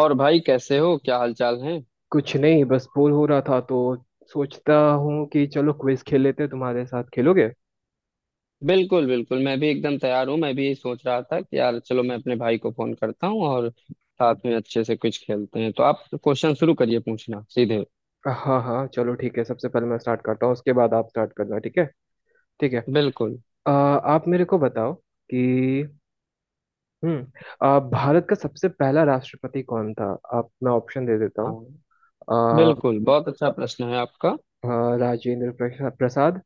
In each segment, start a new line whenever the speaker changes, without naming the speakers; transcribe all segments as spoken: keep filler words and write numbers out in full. और भाई कैसे हो, क्या हाल चाल है।
कुछ नहीं, बस बोर हो रहा था तो सोचता हूँ कि चलो क्विज खेल लेते हैं। तुम्हारे साथ खेलोगे?
बिल्कुल बिल्कुल, मैं भी एकदम तैयार हूँ। मैं भी यही सोच रहा था कि यार चलो, मैं अपने भाई को फोन करता हूँ और साथ में अच्छे से कुछ खेलते हैं। तो आप क्वेश्चन शुरू करिए, पूछना सीधे।
हाँ हाँ, चलो ठीक है। सबसे पहले मैं स्टार्ट करता हूँ, उसके बाद आप स्टार्ट करना, ठीक है? ठीक है।
बिल्कुल।
अ, आप मेरे को बताओ कि हम्म, अ, भारत का सबसे पहला राष्ट्रपति कौन था? आप, मैं ऑप्शन दे देता
हाँ,
हूँ। अ,
बिल्कुल बहुत अच्छा प्रश्न है आपका।
अ, राजेंद्र प्रसा- प्रसाद।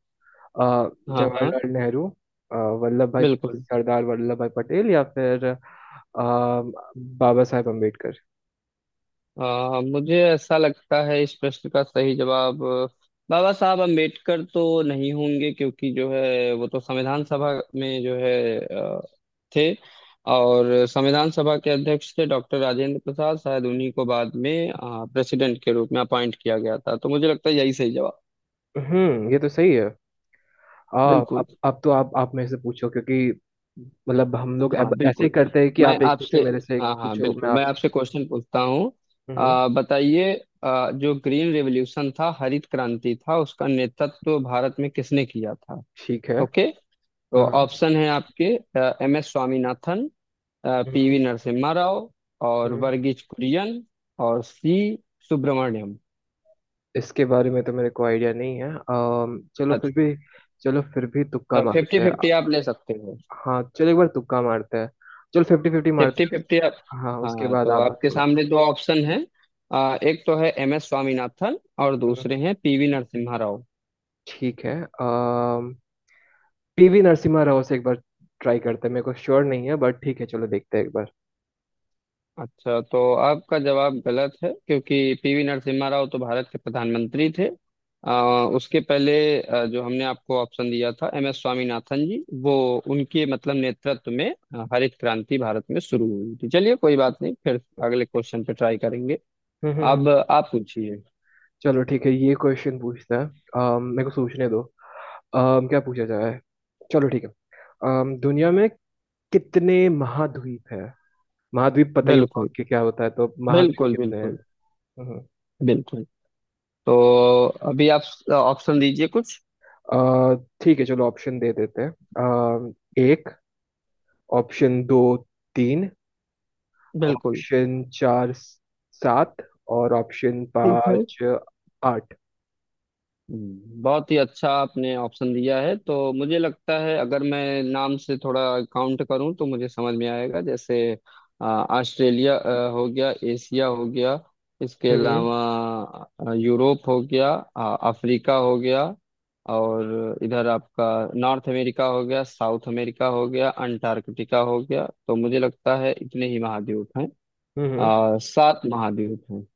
अ,
हाँ हाँ।
जवाहरलाल नेहरू। अ, वल्लभ भाई,
बिल्कुल।
सरदार वल्लभ भाई पटेल, या फिर अ, बाबा साहेब अम्बेडकर।
आ, मुझे ऐसा लगता है इस प्रश्न का सही जवाब अ, बाबा साहब अम्बेडकर तो नहीं होंगे, क्योंकि जो है वो तो संविधान सभा में जो है थे। और संविधान सभा के अध्यक्ष थे डॉक्टर राजेंद्र प्रसाद, शायद उन्हीं को बाद में प्रेसिडेंट के रूप में अपॉइंट किया गया था। तो मुझे लगता है यही सही जवाब।
हम्म, ये तो सही है। हाँ,
बिल्कुल।
अब अब तो आप आप मेरे से पूछो, क्योंकि मतलब हम लोग अब
हाँ
ऐसे ही
बिल्कुल,
करते हैं कि
मैं
आप एक पूछो
आपसे,
मेरे से, एक
हाँ हाँ
पूछो मैं
बिल्कुल, मैं
आपसे।
आपसे क्वेश्चन पूछता हूँ।
हम्म।
आ, बताइए, आ, जो ग्रीन रेवोल्यूशन था, हरित क्रांति था, उसका नेतृत्व भारत में किसने किया था।
ठीक है।
ओके, तो
हाँ।
ऑप्शन है आपके, एम एस स्वामीनाथन,
हम्म।
पीवी नरसिम्हा राव, और
हम्म।
वर्गीज कुरियन, और सी सुब्रमण्यम।
इसके बारे में तो मेरे को आइडिया नहीं है। अम, चलो फिर
अच्छा,
भी, चलो फिर भी तुक्का
फिफ्टी
मारते हैं।
फिफ्टी आप ले सकते हो।
हाँ चलो, एक बार तुक्का मारते हैं। चलो फिफ्टी फिफ्टी
फिफ्टी
मारते
फिफ्टी आप,
हैं। हाँ, उसके
हाँ
बाद
तो
आप
आपके
बताओ।
सामने दो ऑप्शन है, एक तो है एम एस स्वामीनाथन और
हम्म।
दूसरे हैं पीवी नरसिम्हा राव।
ठीक है। पीवी नरसिम्हा राव से एक बार ट्राई करते हैं। मेरे को श्योर नहीं है, बट ठीक है, चलो देखते हैं एक बार।
अच्छा, तो आपका जवाब गलत है, क्योंकि पीवी नरसिम्हा राव तो भारत के प्रधानमंत्री थे। आ, उसके पहले अ, जो हमने आपको ऑप्शन दिया था, एम एस स्वामीनाथन जी, वो उनके मतलब नेतृत्व में अ, हरित क्रांति भारत में शुरू हुई थी। चलिए कोई बात नहीं, फिर अगले क्वेश्चन पे ट्राई करेंगे।
हम्म हम्म,
अब
हम्म।
आप पूछिए।
चलो ठीक है ये क्वेश्चन पूछता है। अम, मेरे को सोचने दो। अम, क्या पूछा जाए। चलो ठीक है। अम, दुनिया में कितने महाद्वीप हैं? महाद्वीप पता ही होगा
बिल्कुल
कि क्या होता है, तो महाद्वीप
बिल्कुल।
कितने हैं?
बिल्कुल
हम्म। हम्म।
बिल्कुल। तो अभी आप ऑप्शन दीजिए कुछ।
अ, ठीक है, चलो ऑप्शन दे देते हैं। अम, एक। ऑप्शन दो। तीन।
बिल्कुल।
ऑप्शन चार, सात। और ऑप्शन
ठीक है।
पाँच, आठ।
हम्म, बहुत ही अच्छा आपने ऑप्शन दिया है। तो मुझे लगता है अगर मैं नाम से थोड़ा काउंट करूं तो मुझे समझ में आएगा, जैसे अ, ऑस्ट्रेलिया अ, हो गया, एशिया हो गया, इसके
हम्म।
अलावा अ, यूरोप हो गया, अ, अफ्रीका हो गया, और इधर आपका नॉर्थ अमेरिका हो गया, साउथ अमेरिका हो गया, अंटार्कटिका हो गया। तो मुझे लगता है इतने ही महाद्वीप हैं, अ,
हम्म।
सात महाद्वीप हैं।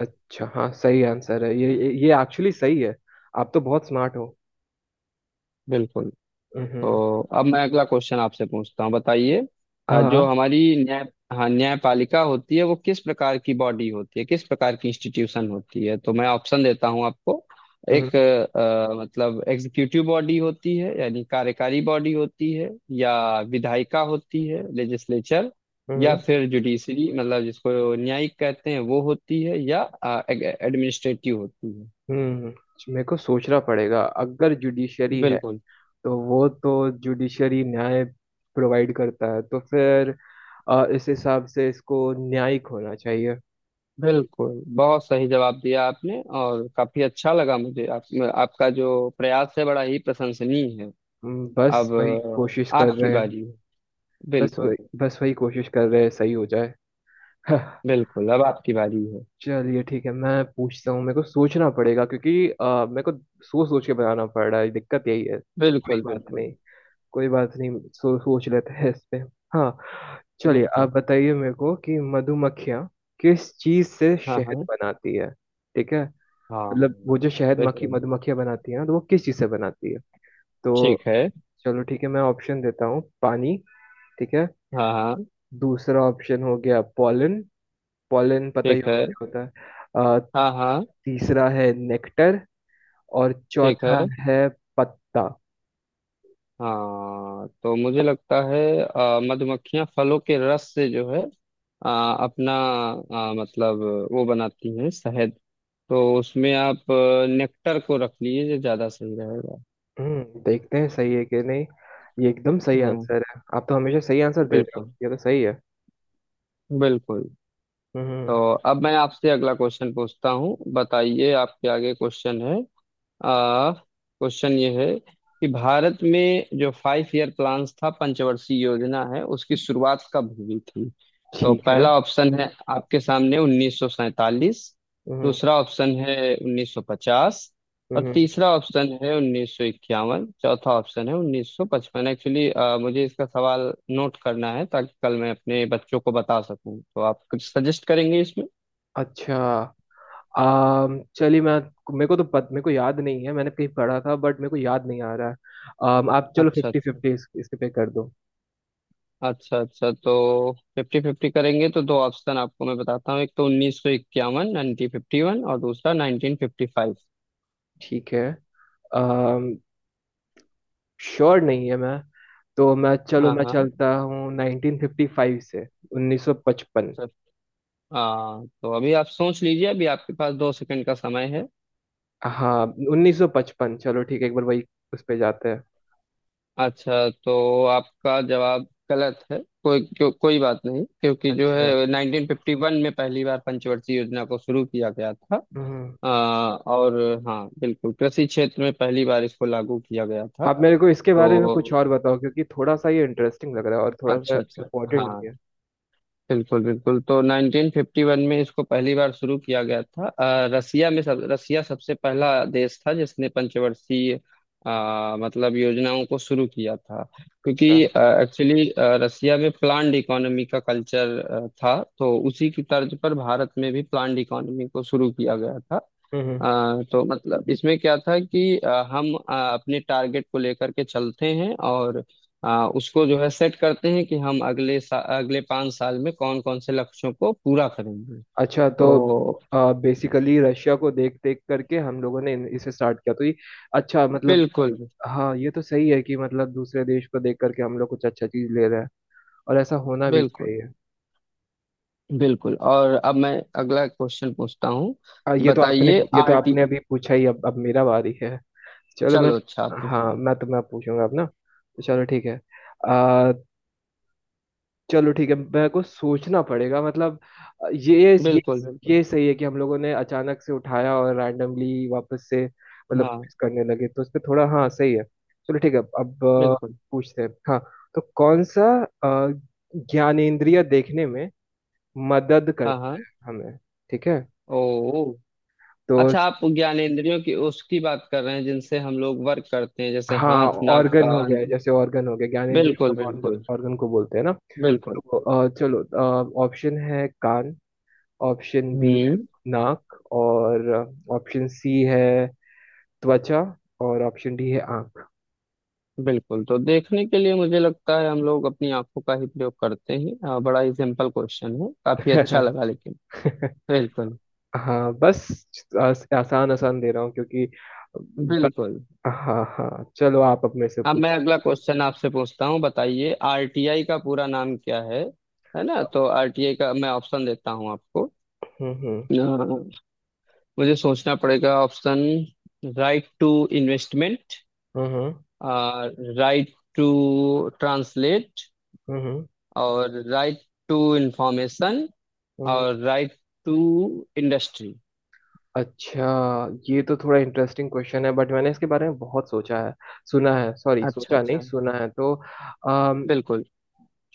अच्छा, हाँ, सही आंसर है ये। ये ये एक्चुअली सही है। आप तो बहुत स्मार्ट हो।
बिल्कुल।
हम्म।
तो अब मैं अगला क्वेश्चन आपसे पूछता हूँ, बताइए अ, जो
हाँ।
हमारी न्याय हाँ न्यायपालिका होती है वो किस प्रकार की बॉडी होती है, किस प्रकार की इंस्टीट्यूशन होती है। तो मैं ऑप्शन देता हूँ आपको,
हम्म।
एक अ, मतलब एग्जीक्यूटिव बॉडी होती है, यानी कार्यकारी बॉडी होती है, या विधायिका होती है, लेजिस्लेचर, या
हम्म।
फिर जुडिशरी मतलब जिसको न्यायिक कहते हैं वो होती है, या एडमिनिस्ट्रेटिव होती है।
हम्म। मेरे को सोचना पड़ेगा। अगर जुडिशरी है
बिल्कुल,
तो वो तो जुडिशरी न्याय प्रोवाइड करता है, तो फिर अ, इस हिसाब से इसको न्यायिक होना चाहिए।
बिल्कुल बहुत सही जवाब दिया आपने, और काफी अच्छा लगा मुझे। आप, आपका जो प्रयास है बड़ा ही प्रशंसनीय है।
हम्म, बस
अब
वही कोशिश
अ,
कर
आपकी
रहे हैं।
बारी है।
बस
बिल्कुल।
वही बस वही कोशिश कर रहे हैं, सही हो जाए। हाँ।
बिल्कुल अब आपकी बारी है।
चलिए ठीक है, मैं पूछता हूँ। मेरे को सोचना पड़ेगा क्योंकि अ, मेरे को सोच सोच के बनाना पड़ रहा है, दिक्कत यही है।
बिल्कुल।
बात
बिल्कुल।
नहीं, कोई बात नहीं, सो, सोच लेते हैं इस पे। हाँ। चलिए, आप
बिल्कुल।
बताइए मेरे को कि मधुमक्खियाँ किस चीज से
हाँ
शहद
हाँ।
बनाती है? ठीक है?
हाँ हाँ,
मतलब वो जो शहद मक्खी,
बिल्कुल।
मधुमक्खियाँ बनाती है ना, तो वो किस चीज से बनाती है? तो
ठीक है।
चलो ठीक है, मैं ऑप्शन देता हूँ। पानी। ठीक है,
हाँ हाँ।
दूसरा ऑप्शन हो गया पॉलन। पॉलन पता ही
ठीक
होगा
है।
क्या होता है। अ,
हाँ हाँ।
तीसरा है नेक्टर, और
ठीक है।
चौथा है पत्ता।
हाँ तो मुझे लगता है अ, मधुमक्खियां फलों के रस से जो है अ, अपना अ, मतलब वो बनाती हैं शहद। तो उसमें आप अ, नेक्टर को रख लीजिए, जो ज्यादा सही रहेगा।
हम्म, देखते हैं सही है कि नहीं। ये एकदम सही
हाँ।
आंसर है। आप तो हमेशा सही आंसर दे रहे हो,
बिल्कुल।
ये तो सही है।
बिल्कुल।
हम्म।
तो अब मैं आपसे अगला क्वेश्चन पूछता हूँ, बताइए आपके आगे क्वेश्चन है। आ क्वेश्चन ये है कि भारत में जो फाइव ईयर प्लान्स था, पंचवर्षीय योजना है, उसकी शुरुआत कब हुई थी। तो
ठीक है।
पहला ऑप्शन है आपके सामने उन्नीस सौ सैंतालीस,
हम्म।
दूसरा ऑप्शन है उन्नीस सौ पचास, और
हम्म।
तीसरा ऑप्शन है उन्नीस सौ इक्यावन, चौथा ऑप्शन है उन्नीस सौ पचपन। एक्चुअली मुझे इसका सवाल नोट करना है ताकि कल मैं अपने बच्चों को बता सकूं, तो आप कुछ सजेस्ट करेंगे इसमें।
अच्छा। आम, चलिए मैं, मेरे को तो पत, मेरे को याद नहीं है। मैंने कहीं पढ़ा था बट मेरे को याद नहीं आ रहा है। आम, आप चलो,
अच्छा
फिफ्टी
अच्छा।
फिफ्टी इस, इस पे कर दो।
अच्छा अच्छा, तो फिफ्टी फिफ्टी करेंगे तो दो ऑप्शन आपको मैं बताता हूँ, एक तो उन्नीस सौ इक्यावन, नाइनटीन फिफ्टी वन, और दूसरा नाइनटीन फिफ्टी फाइव।
ठीक है। आम, श्योर नहीं है मैं, तो मैं चलो,
हाँ
मैं
हाँ।
चलता हूँ नाइनटीन फिफ्टी फाइव से। Nineteen fifty five.
सर, हाँ तो अभी आप सोच लीजिए, अभी आपके पास दो सेकंड का समय है।
हाँ, उन्नीस सौ पचपन चलो ठीक है, एक बार वही उस पे जाते हैं।
अच्छा, तो आपका जवाब गलत है। कोई क्यों, कोई बात नहीं, क्योंकि जो
अच्छा।
है नाइनटीन फिफ्टी वन में पहली बार पंचवर्षीय योजना को शुरू किया गया था।
हम्म।
अ, और हाँ बिल्कुल, कृषि क्षेत्र में पहली बार इसको लागू किया गया था।
आप मेरे को इसके बारे में
तो
कुछ तो और बताओ, क्योंकि थोड़ा सा ये इंटरेस्टिंग लग रहा है और थोड़ा सा
अच्छा अच्छा,
इम्पोर्टेंट भी
हाँ
है।
बिल्कुल बिल्कुल, तो नाइनटीन फिफ्टी वन में इसको पहली बार शुरू किया गया था। अ, रसिया में, सब रसिया सबसे पहला देश था जिसने पंचवर्षीय अ, मतलब योजनाओं को शुरू किया था, क्योंकि
अच्छा।
एक्चुअली रसिया में प्लान्ड इकोनॉमी का कल्चर था, तो उसी की तर्ज पर भारत में भी प्लान्ड इकोनॉमी को शुरू किया गया था।
हम्म।
आ, तो मतलब इसमें क्या था कि आ, हम आ, अपने टारगेट को लेकर के चलते हैं, और आ, उसको जो है सेट करते हैं कि हम अगले सा, अगले पाँच साल में कौन कौन से लक्ष्यों को पूरा करेंगे।
अच्छा। तो
तो
बेसिकली रशिया को देख देख करके हम लोगों ने इन- इसे स्टार्ट किया, तो ये। अच्छा, मतलब
बिल्कुल।
हाँ, ये तो सही है कि मतलब दूसरे देश को देख करके हम लोग कुछ अच्छा चीज ले रहे हैं और ऐसा होना भी
बिल्कुल
चाहिए।
बिल्कुल, और अब मैं अगला क्वेश्चन पूछता हूँ,
आ, ये तो आपने,
बताइए
ये तो आपने
आरटी,
अभी पूछा ही, अब अब मेरा बारी है। चलो मैं,
चलो अच्छा आप पूछ,
हाँ मैं तुम्हें पूछूंगा अब ना, तो चलो ठीक है। चलो ठीक है, मेरे को सोचना पड़ेगा, मतलब अ, ये ये
बिल्कुल बिल्कुल।
ये सही है कि हम लोगों ने अचानक से उठाया और रैंडमली वापस से, मतलब
हाँ
कुछ करने लगे, तो उस पे थोड़ा, हाँ सही है। चलो ठीक है, अब अ,
बिल्कुल।
पूछते हैं। हाँ, तो कौन सा अ, ज्ञानेंद्रिय देखने में मदद
हाँ
करता
हाँ।
है हमें, ठीक है?
ओ,
तो
अच्छा आप ज्ञानेंद्रियों की उसकी बात कर रहे हैं जिनसे हम लोग वर्क करते हैं, जैसे
हाँ, मदद कर,
हाथ, नाक,
ऑर्गन हो
कान।
गया, जैसे ऑर्गन हो गया, ज्ञानेंद्रिय को
बिल्कुल बिल्कुल।
ऑर्गन को बोलते हैं ना।
बिल्कुल।
तो अ, चलो, ऑप्शन है कान। ऑप्शन बी है
हम्म।
नाक। और ऑप्शन सी है त्वचा। और ऑप्शन डी है आंख।
बिल्कुल, तो देखने के लिए मुझे लगता है हम लोग अपनी आंखों का ही प्रयोग करते हैं। अ, बड़ा ही सिंपल क्वेश्चन है, काफी अच्छा लगा लेकिन। बिल्कुल।
हाँ बस, आस, आसान आसान दे रहा हूँ क्योंकि ब-
बिल्कुल,
हाँ हाँ चलो, आप अब मेरे से
अब मैं
पूछो।
अगला क्वेश्चन आपसे पूछता हूँ, बताइए आरटीआई का पूरा नाम क्या है है ना। तो आरटीआई का मैं ऑप्शन देता हूँ आपको।
हम्म। हम्म।
अ, मुझे सोचना पड़ेगा ऑप्शन, राइट टू इन्वेस्टमेंट,
हम्म।
राइट टू ट्रांसलेट,
हम्म।
और राइट टू इंफॉर्मेशन,
हम्म।
और
हम्म।
Right to industry.
अच्छा, ये तो थोड़ा इंटरेस्टिंग क्वेश्चन है, बट मैंने इसके बारे में बहुत सोचा है, सुना है। सॉरी,
अच्छा
सोचा
अच्छा।
नहीं, सुना है। तो अम,
बिल्कुल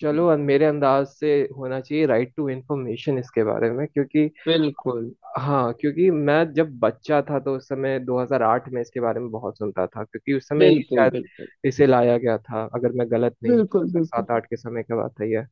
चलो, मेरे अंदाज से होना चाहिए राइट टू इंफॉर्मेशन। इसके बारे में क्योंकि,
बिल्कुल
हाँ क्योंकि मैं जब बच्चा था तो उस समय दो हज़ार आठ में इसके बारे में बहुत सुनता था, क्योंकि उस समय ही
बिल्कुल।
शायद
बिल्कुल
इसे लाया गया था, अगर मैं गलत नहीं हूँ। दो
बिल्कुल
हज़ार
बिल्कुल।
सात आठ के समय की बात है ये।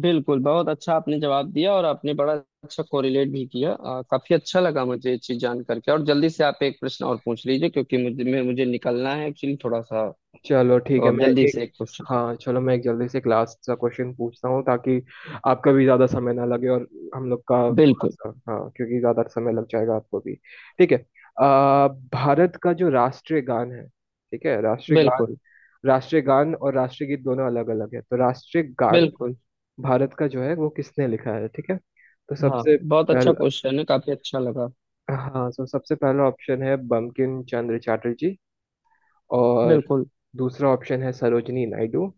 बिल्कुल बहुत अच्छा आपने जवाब दिया, और आपने बड़ा अच्छा कोरिलेट भी किया। अ, काफी अच्छा लगा मुझे ये चीज जान करके, और जल्दी से आप एक प्रश्न और पूछ लीजिए क्योंकि मुझे मैं- मुझे निकलना है एक्चुअली थोड़ा सा।
चलो ठीक
तो
है,
आप
मैं
जल्दी
एक,
से एक क्वेश्चन।
हाँ चलो, मैं एक जल्दी से क्लास का क्वेश्चन पूछता हूँ, ताकि आपका भी ज़्यादा समय ना लगे और हम लोग का थोड़ा
बिल्कुल
सा, हाँ क्योंकि ज़्यादा समय लग जाएगा आपको भी। ठीक है। आ, भारत का जो राष्ट्रीय गान है, ठीक है, राष्ट्रीय गान,
बिल्कुल।
राष्ट्रीय गान और राष्ट्रीय गीत दोनों अलग अलग है, तो राष्ट्रीय गान
बिल्कुल।
भारत का जो है वो किसने लिखा है, ठीक है? तो
हाँ
सबसे
बहुत अच्छा
पहला,
क्वेश्चन है, काफी अच्छा लगा।
हाँ, तो सबसे पहला ऑप्शन है बंकिम चंद्र चटर्जी। और
बिल्कुल।
दूसरा ऑप्शन है सरोजनी नायडू।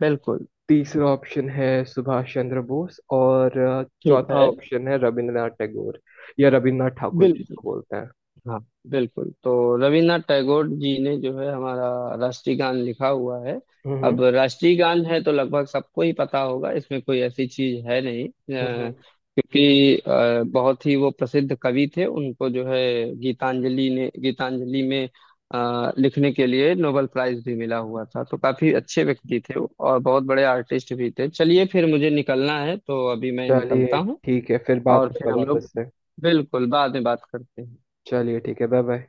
बिल्कुल।
तीसरा ऑप्शन है सुभाष चंद्र बोस। और अ,
ठीक
चौथा
है।
ऑप्शन है रविंद्रनाथ टैगोर या रविंद्रनाथ ठाकुर
बिल्कुल।
जिसको बोलते हैं।
हाँ, बिल्कुल, तो रविन्द्रनाथ टैगोर जी ने जो है हमारा राष्ट्रीय गान लिखा हुआ है।
हम्म।
अब राष्ट्रीय गान है तो लगभग सबको ही पता होगा, इसमें कोई ऐसी चीज है नहीं। अ,
हम्म। हम्म।
क्योंकि अ, बहुत ही वो प्रसिद्ध कवि थे, उनको जो है गीतांजलि ने गीतांजलि में अ, लिखने के लिए नोबेल प्राइज भी मिला हुआ था। तो काफी अच्छे व्यक्ति थे वो, और बहुत बड़े आर्टिस्ट भी थे। चलिए फिर मुझे निकलना है, तो अभी मैं निकलता
चलिए
हूँ।
ठीक है, फिर बात
और
होगा
फिर हम लोग,
वापस से।
बिल्कुल बाद में बात करते हैं।
चलिए ठीक है, बाय बाय।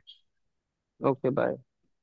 Okay, bye.